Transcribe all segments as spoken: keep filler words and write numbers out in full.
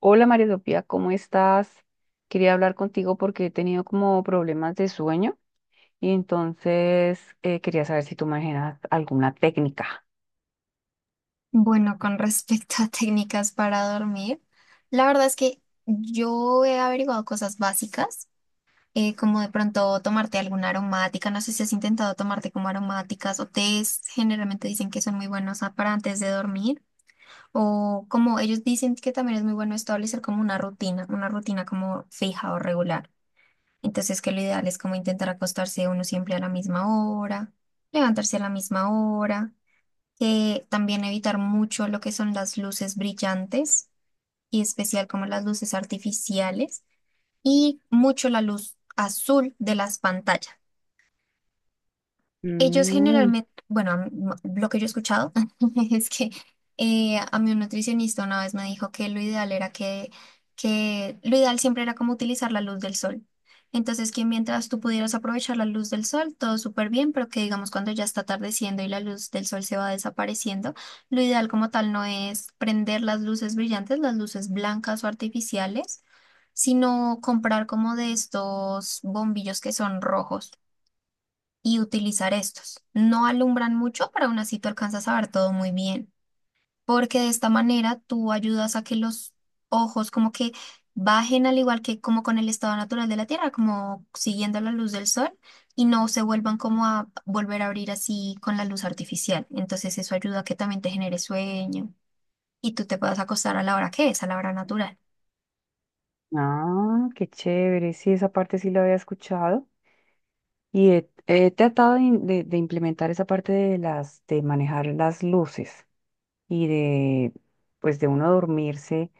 Hola María Sofía, ¿cómo estás? Quería hablar contigo porque he tenido como problemas de sueño y entonces eh, quería saber si tú manejas alguna técnica. Bueno, con respecto a técnicas para dormir, la verdad es que yo he averiguado cosas básicas, eh, como de pronto tomarte alguna aromática, no sé si has intentado tomarte como aromáticas o tés, generalmente dicen que son muy buenos a- para antes de dormir, o como ellos dicen que también es muy bueno establecer como una rutina, una rutina como fija o regular. Entonces que lo ideal es como intentar acostarse uno siempre a la misma hora, levantarse a la misma hora, eh, también evitar mucho lo que son las luces brillantes y especial como las luces artificiales y mucho la luz azul de las pantallas. Ellos Mm. generalmente, bueno, a mí- m- lo que yo he escuchado es que, eh, a mí un nutricionista una vez me dijo que lo ideal era que, que lo ideal siempre era como utilizar la luz del sol. Entonces, que mientras tú pudieras aprovechar la luz del sol, todo súper bien, pero que digamos cuando ya está atardeciendo y la luz del sol se va desapareciendo, lo ideal como tal no es prender las luces brillantes, las luces blancas o artificiales, sino comprar como de estos bombillos que son rojos y utilizar estos. No alumbran mucho, pero aún así tú alcanzas a ver todo muy bien, porque de esta manera tú ayudas a que los ojos como que bajen al igual que como con el estado natural de la Tierra, como siguiendo la luz del sol y no se vuelvan como a volver a abrir así con la luz artificial. Entonces eso ayuda a que también te genere sueño y tú te puedas acostar a la hora que es, a la hora natural. Ah, qué chévere, sí, esa parte sí la había escuchado y he, he tratado de, in- de- de implementar esa parte de las, de manejar las luces y de, pues de uno dormirse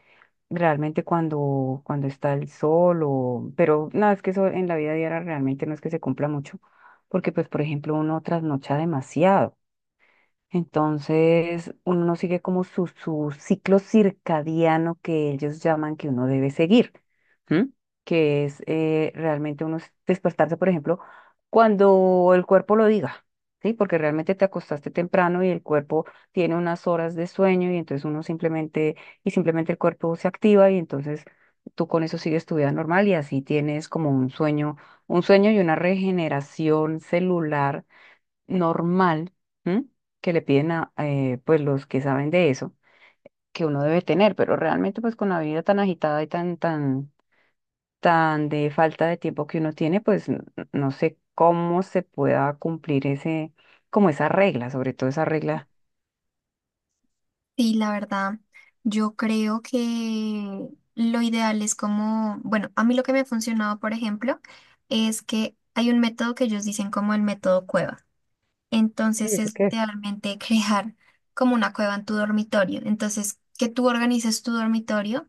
realmente cuando, cuando está el sol o... Pero no, es que eso en la vida diaria realmente no es que se cumpla mucho, porque pues por ejemplo uno trasnocha demasiado. Entonces, uno no sigue como su, su ciclo circadiano que ellos llaman que uno debe seguir, ¿m? Que es eh, realmente uno s- despertarse, por ejemplo, cuando el cuerpo lo diga, ¿sí? Porque realmente te acostaste temprano y el cuerpo tiene unas horas de sueño y entonces uno simplemente, y simplemente el cuerpo se activa y entonces tú con eso sigues tu vida normal y así tienes como un sueño, un sueño y una regeneración celular normal. ¿M? Que le piden a eh, pues los que saben de eso que uno debe tener, pero realmente pues con la vida tan agitada y tan tan tan de falta de tiempo que uno tiene, pues n- no sé cómo se pueda cumplir ese como esa regla, sobre todo esa regla. Sí, la verdad, yo creo que lo ideal es como, bueno, a mí lo que me ha funcionado, por ejemplo, es que hay un método que ellos dicen como el método cueva. Uy, Entonces ¿eso es qué? literalmente crear como una cueva en tu dormitorio. Entonces, que tú organices tu dormitorio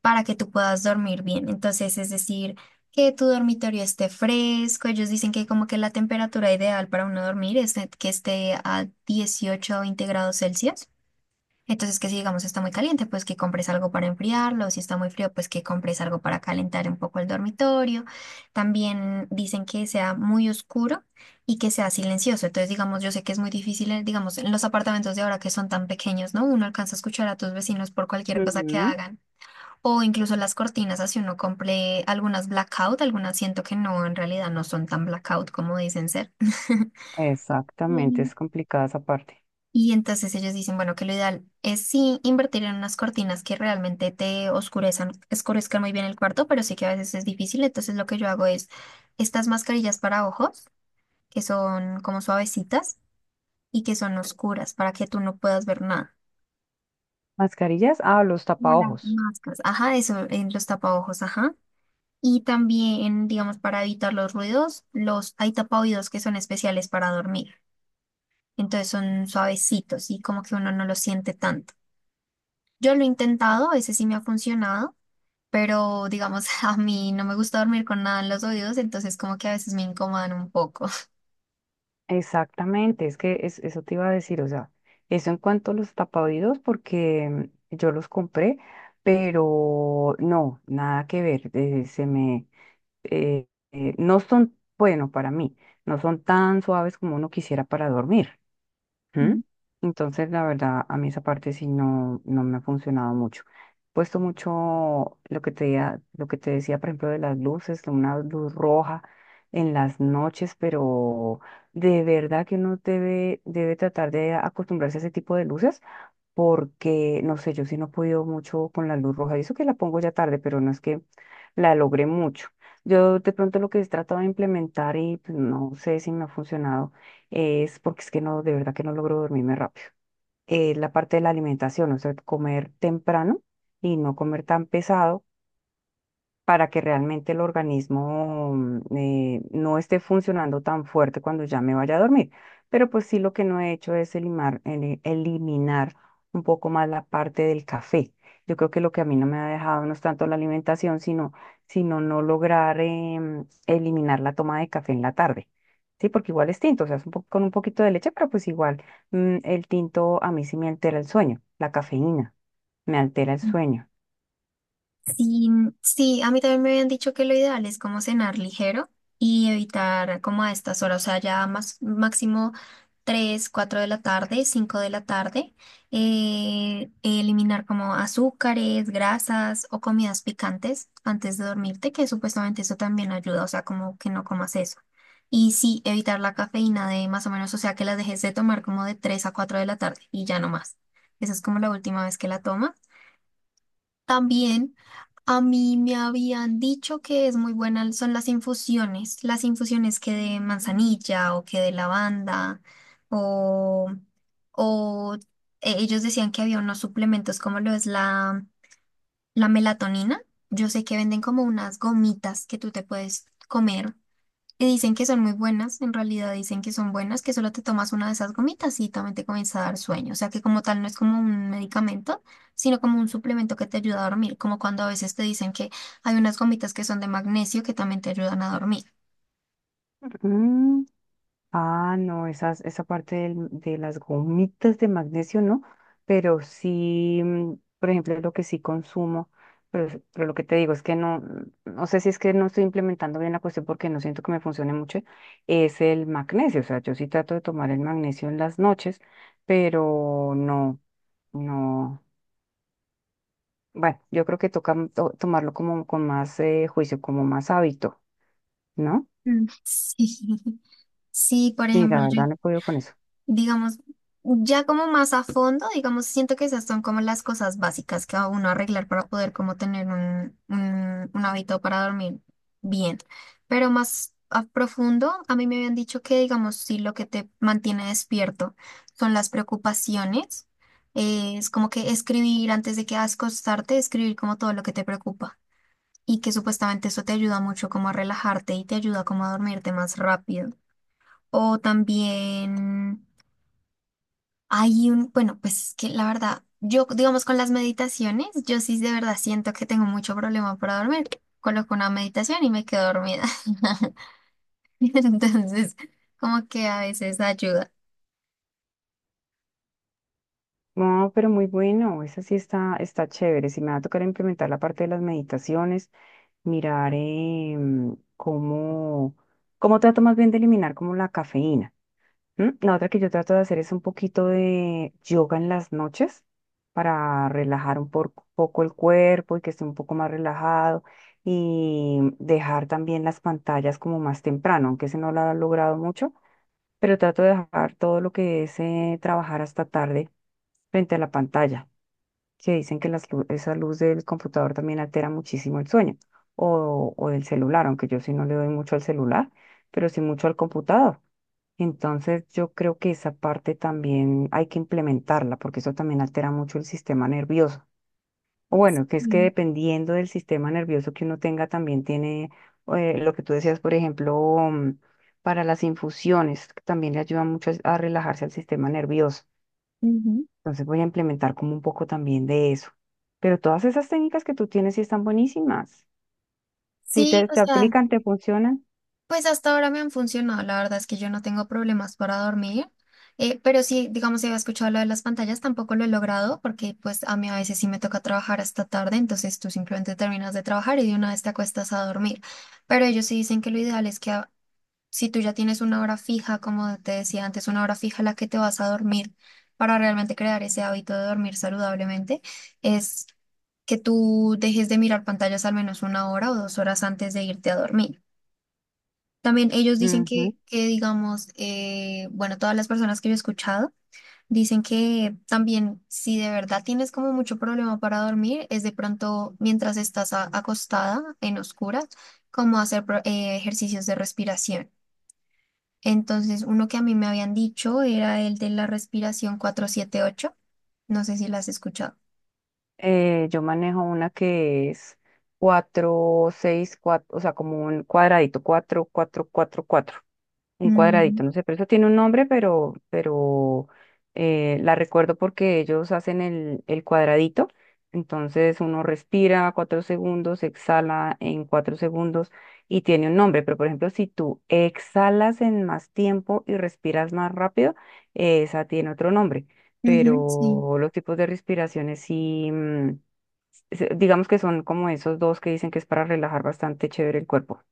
para que tú puedas dormir bien. Entonces, es decir, que tu dormitorio esté fresco. Ellos dicen que como que la temperatura ideal para uno dormir es que esté a dieciocho o veinte grados Celsius. Entonces, que si digamos está muy caliente, pues que compres algo para enfriarlo, si está muy frío, pues que compres algo para calentar un poco el dormitorio. También dicen que sea muy oscuro y que sea silencioso. Entonces, digamos, yo sé que es muy difícil, eh, digamos, en los apartamentos de ahora que son tan pequeños, ¿no? Uno alcanza a escuchar a tus vecinos por cualquier cosa que Ujú. hagan. O incluso las cortinas, así uno compre algunas blackout, algunas siento que no, en realidad no son tan blackout como dicen ser. Exactamente, Sí. es complicada esa parte. Y entonces ellos dicen, bueno, que lo ideal es sí invertir en unas cortinas que realmente te oscurezcan, oscurezcan muy bien el cuarto, pero sí que a veces es difícil. Entonces lo que yo hago es estas mascarillas para ojos, que son como suavecitas y que son oscuras para que tú no puedas ver nada. Mascarillas, ah, los Como las tapaojos. máscaras. Ajá, eso en los tapaojos, ajá. Y también, digamos, para evitar los ruidos, los hay tapaoídos que son especiales para dormir. Entonces son suavecitos y como que uno no los siente tanto. Yo lo he intentado, a veces sí me ha funcionado, pero digamos, a mí no me gusta dormir con nada en los oídos, entonces como que a veces me incomodan un poco. Exactamente, es que es- eso te iba a decir, o sea, eso en cuanto a los tapaoídos, porque mm, yo los compré, pero no, nada que ver, eh, se me, eh, eh, no son, bueno, para mí, no son tan suaves como uno quisiera para dormir. ¿Mm? Entonces, la verdad, a mí esa parte sí no, no me ha funcionado mucho. Puesto mucho lo que te, ya- lo que te decía, por ejemplo, de las luces, una luz roja en las noches, pero de verdad que uno debe, debe tratar de acostumbrarse a ese tipo de luces, porque, no sé, yo sí no he podido mucho con la luz roja, y eso que la pongo ya tarde, pero no es que la logré mucho. Yo de pronto lo que he tratado de implementar y pues, no sé si me ha funcionado es porque es que no, de verdad que no logro dormirme rápido. Eh, la parte de la alimentación, o sea, comer temprano y no comer tan pesado para que realmente el organismo mm, eh, no esté funcionando tan fuerte cuando ya me vaya a dormir. Pero pues sí, lo que no he hecho es elimar- ele- eliminar un poco más la parte del café. Yo creo que lo que a mí no me ha dejado no es tanto la alimentación, sino, sino no lograr em, eliminar la toma de café en la tarde. Sí, porque igual es tinto, o sea, es un po- con un poquito de leche, pero pues igual mm, el tinto a mí sí me altera el sueño, la cafeína me altera el Mm. sueño. Sí, sí, a mí también me habían dicho que lo ideal es como cenar ligero y evitar como a estas horas, o sea, ya más, máximo tres, cuatro de la tarde, cinco de la tarde, eh, eliminar como azúcares, grasas o comidas picantes antes de dormirte, que supuestamente eso también ayuda, o sea, como que no comas eso. Y sí, evitar la cafeína de más o menos, o sea, que las dejes de tomar como de tres a cuatro de la tarde y ya no más. Esa es como la última vez que la tomas. También a mí me habían dicho que es muy buena, son las infusiones, las infusiones que de manzanilla o que de lavanda o, o eh, ellos decían que había unos suplementos como lo es la, la melatonina. Yo sé que venden como unas gomitas que tú te puedes comer y dicen que son muy buenas, en realidad dicen que son buenas, que solo te tomas una de esas gomitas y también te comienza a dar sueño. O sea que como tal no es como un medicamento, sino como un suplemento que te ayuda a dormir, como cuando a veces te dicen que hay unas gomitas que son de magnesio que también te ayudan a dormir. Mm. Ah, no, esas, esa parte del- de las gomitas de magnesio no, pero sí, mm, por ejemplo, lo que sí consumo, pero, es- pero lo que te digo es que no, no sé si es que no estoy implementando bien la cuestión porque no siento que me funcione mucho, es el magnesio, o sea, yo sí trato de tomar el magnesio en las noches, pero no, no, bueno, yo creo que toca to- tomarlo como con más eh, juicio, como más hábito, ¿no? Mm. Sí, sí, por Sí, la ejemplo, yo verdad no he podido con eso. digamos, ya como más a fondo, digamos, siento que esas son como las cosas básicas que a uno arreglar para poder como tener un, un, un hábito para dormir bien. Pero más a profundo, a mí me habían dicho que, digamos, si lo que te mantiene despierto son las preocupaciones, eh, es como que escribir antes de que acostarte, escribir como todo lo que te preocupa. Y que supuestamente eso te ayuda mucho como a relajarte y te ayuda como a dormirte más rápido. O también... Hay un, bueno, pues es que la verdad, yo digamos con las meditaciones, yo sí de verdad siento que tengo mucho problema para dormir. Coloco una meditación y me quedo dormida. Entonces, como que a veces ayuda. No, pero muy bueno, esa sí está, está chévere. Si me va a tocar implementar la parte de las meditaciones, mirar em, cómo, cómo trato más bien de eliminar como la cafeína. ¿M? La otra que yo trato de hacer es un poquito de yoga en las noches para relajar un por- poco el cuerpo y que esté un poco más relajado y dejar también las pantallas como más temprano, aunque ese no lo ha logrado mucho, pero trato de dejar todo lo que es eh, trabajar hasta tarde frente a la pantalla que dicen que las lu- esa luz del computador también altera muchísimo el sueño o, o del celular, aunque yo sí no le doy mucho al celular, pero sí mucho al computador. Entonces yo creo que esa parte también hay que implementarla porque eso también altera mucho el sistema nervioso. O bueno, que es que Mm, dependiendo del sistema nervioso que uno tenga también tiene eh, lo que tú decías, por ejemplo, mm, para las infusiones, que también le ayuda mucho a relajarse al sistema nervioso. ujú. Entonces voy a implementar como un poco también de eso. Pero todas esas técnicas que tú tienes sí están buenísimas. Si Sí, te, o te sea. aplican, te funcionan. Pues hasta ahora me han funcionado, la verdad es que yo no tengo problemas para dormir, eh, pero sí, digamos, si había escuchado lo de las pantallas, tampoco lo he logrado porque pues a mí a veces sí me toca trabajar hasta tarde, entonces tú simplemente terminas de trabajar y de una vez te acuestas a dormir, pero ellos sí dicen que lo ideal es que a- si tú ya tienes una hora fija, como te decía antes, una hora fija a la que te vas a dormir para realmente crear ese hábito de dormir saludablemente, es que tú dejes de mirar pantallas al menos una hora o dos horas antes de irte a dormir. También ellos dicen Ujú. que, que digamos, eh, bueno, todas las personas que yo he escuchado dicen que también si de verdad tienes como mucho problema para dormir, es de pronto mientras estás a- acostada en oscuras, como hacer pro- eh, ejercicios de respiración. Entonces, uno que a mí me habían dicho era el de la respiración cuatro siete ocho. No sé si la has escuchado. Eh, yo manejo una que es cuatro seis cuatro, o sea, como un cuadradito, cuatro cuatro cuatro cuatro. Un cuadradito, Mm, no sé, pero eso tiene un nombre, pero, pero eh, la recuerdo porque ellos hacen el, el cuadradito. Entonces uno respira cuatro segundos, exhala en cuatro segundos y tiene un nombre. Pero por ejemplo, si tú exhalas en más tiempo y respiras más rápido, eh, esa tiene otro nombre. ujú, sí. Pero los tipos de respiraciones sí, mm, se- digamos que son como esos dos que dicen que es para relajar bastante chévere el cuerpo.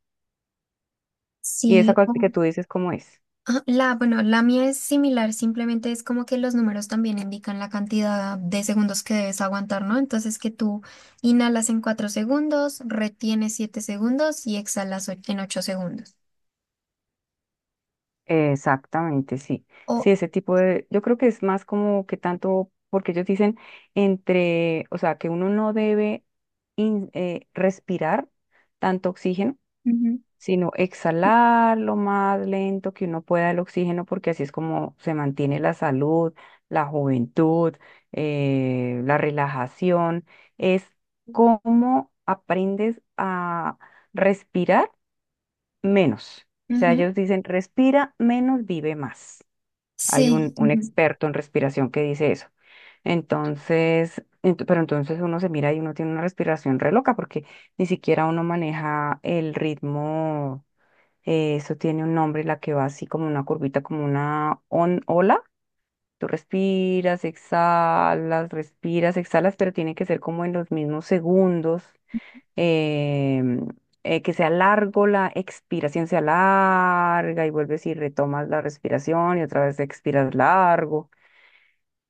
¿Y esa Sí, cosa que tú dices cómo es? ah, la, bueno, la mía es similar, simplemente es como que los números también indican la cantidad de segundos que debes aguantar, ¿no? Entonces que tú inhalas en cuatro segundos, retienes siete segundos y exhalas o- en ocho segundos. Exactamente, sí. Sí, O, ese tipo de, yo creo que es más como que tanto, porque ellos dicen entre, o sea, que uno no debe in- eh, respirar tanto oxígeno, ujú. sino exhalar lo más lento que uno pueda el oxígeno, porque así es como se mantiene la salud, la juventud, eh, la relajación. Es cómo aprendes a respirar menos. O sea, Ujú, ellos dicen, respira menos, vive más. Hay sí, un, un ujú, experto en respiración que dice eso. Entonces, ent- pero entonces uno se mira y uno tiene una respiración re loca porque ni siquiera uno maneja el ritmo. Eh, eso tiene un nombre, la que va así como una curvita, como una on- ola. Tú respiras, exhalas, respiras, exhalas, pero tiene que ser como en los mismos segundos em, eh, que sea largo, la expiración sea larga y vuelves y retomas la respiración y otra vez expiras largo.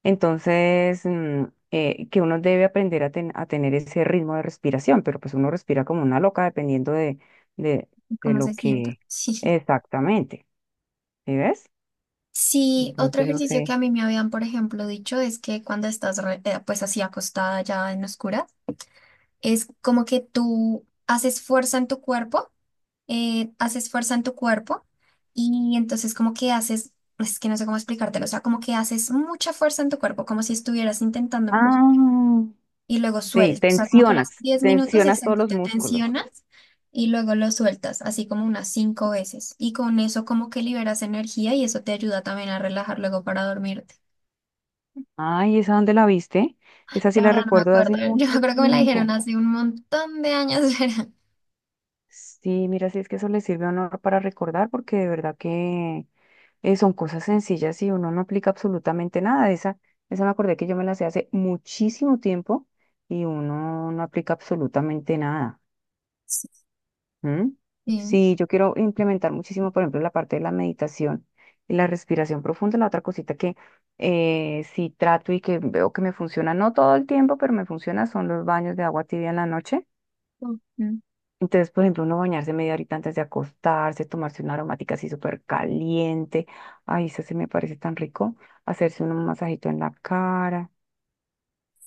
Entonces, mm, eh, que uno debe aprender a, ten- a tener ese ritmo de respiración, pero pues uno respira como una loca dependiendo de, de, de ¿cómo lo se sienta? que Sí. exactamente, ¿sí ves? Sí, otro Entonces, no ejercicio sé. que a mí me habían, por ejemplo, dicho es que cuando estás re- eh, pues así acostada ya en oscuras, es como que tú haces fuerza en tu cuerpo, eh, haces fuerza en tu cuerpo y entonces como que haces, es que no sé cómo explicártelo, o sea, como que haces mucha fuerza en tu cuerpo, como si estuvieras intentando empujar Ah, y luego sí, sueltas, o sea, como que lo haces tensionas, diez minutos, tensionas todos exacto, los te músculos. tensionas y luego lo sueltas, así como unas cinco veces y con eso como que liberas energía y eso te ayuda también a relajar luego para dormirte. Ay, ¿esa dónde la viste? Esa sí La la verdad no me recuerdo de acuerdo, hace yo mucho creo que me la dijeron tiempo. hace un montón de años, ¿verdad? Sí, mira, si es que eso le sirve a uno para recordar, porque de verdad que eh, son cosas sencillas y uno no aplica absolutamente nada. Esa, esa me acordé que yo me la sé hace muchísimo tiempo y uno no aplica absolutamente nada. ¿Mm? Sí. Sí, yo quiero implementar muchísimo, por ejemplo, la parte de la meditación y la respiración profunda, la otra cosita que eh, sí trato y que veo que me funciona, no todo el tiempo, pero me funciona, son los baños de agua tibia en la noche. Ujú. Entonces, por ejemplo, uno bañarse media horita antes de acostarse, tomarse una aromática así súper caliente. Ay, eso se me parece tan rico. Hacerse un masajito en la cara.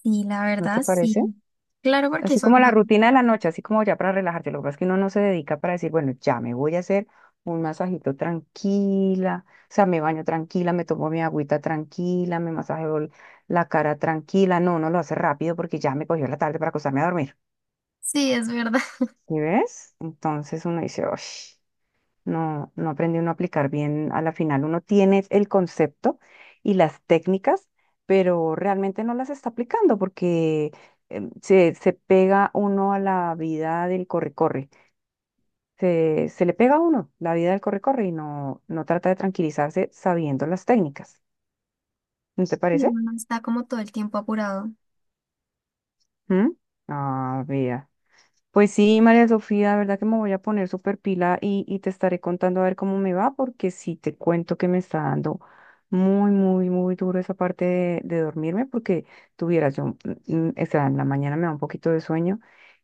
Sí, la ¿No te verdad, parece? sí. Claro, porque Así eso como la ayuda. rutina de la noche, así como ya para relajarte. Lo que pasa es que uno no se dedica para decir, bueno, ya me voy a hacer un masajito tranquila. O sea, me baño tranquila, me tomo mi agüita tranquila, me masajeo el- la cara tranquila. No, uno lo hace rápido porque ya me cogió la tarde para acostarme a dormir. Sí, es verdad. ¿Sí ves? Entonces uno dice, uff, no, no aprende uno a aplicar bien a la final. Uno tiene el concepto y las técnicas, pero realmente no las está aplicando porque em, se, se pega uno a la vida del corre-corre. Se, se le pega a uno la vida del corre-corre y no, no trata de tranquilizarse sabiendo las técnicas. ¿No te Y parece? uno está como todo el tiempo apurado. ¿Mm? Ah, vea. Pues sí, María Sofía, de verdad que me voy a poner súper pila y, y te estaré contando a ver cómo me va, porque sí te cuento que me está dando muy, muy, muy duro esa parte de, de dormirme, porque tuvieras yo, mm, mm, o sea, en la mañana me da un poquito de sueño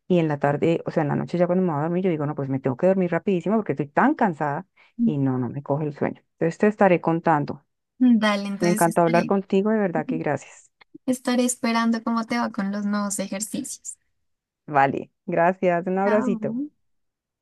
y en la tarde, o sea, en la noche ya cuando me voy a dormir, yo digo, no, pues me tengo que dormir rapidísimo porque estoy tan cansada y no, no me coge el sueño. Entonces te estaré contando. Mm, dale, Me entonces encantó hablar estaré, contigo, de verdad que gracias. estaré esperando cómo te va con los nuevos ejercicios. Vale, gracias, un Chao. abracito.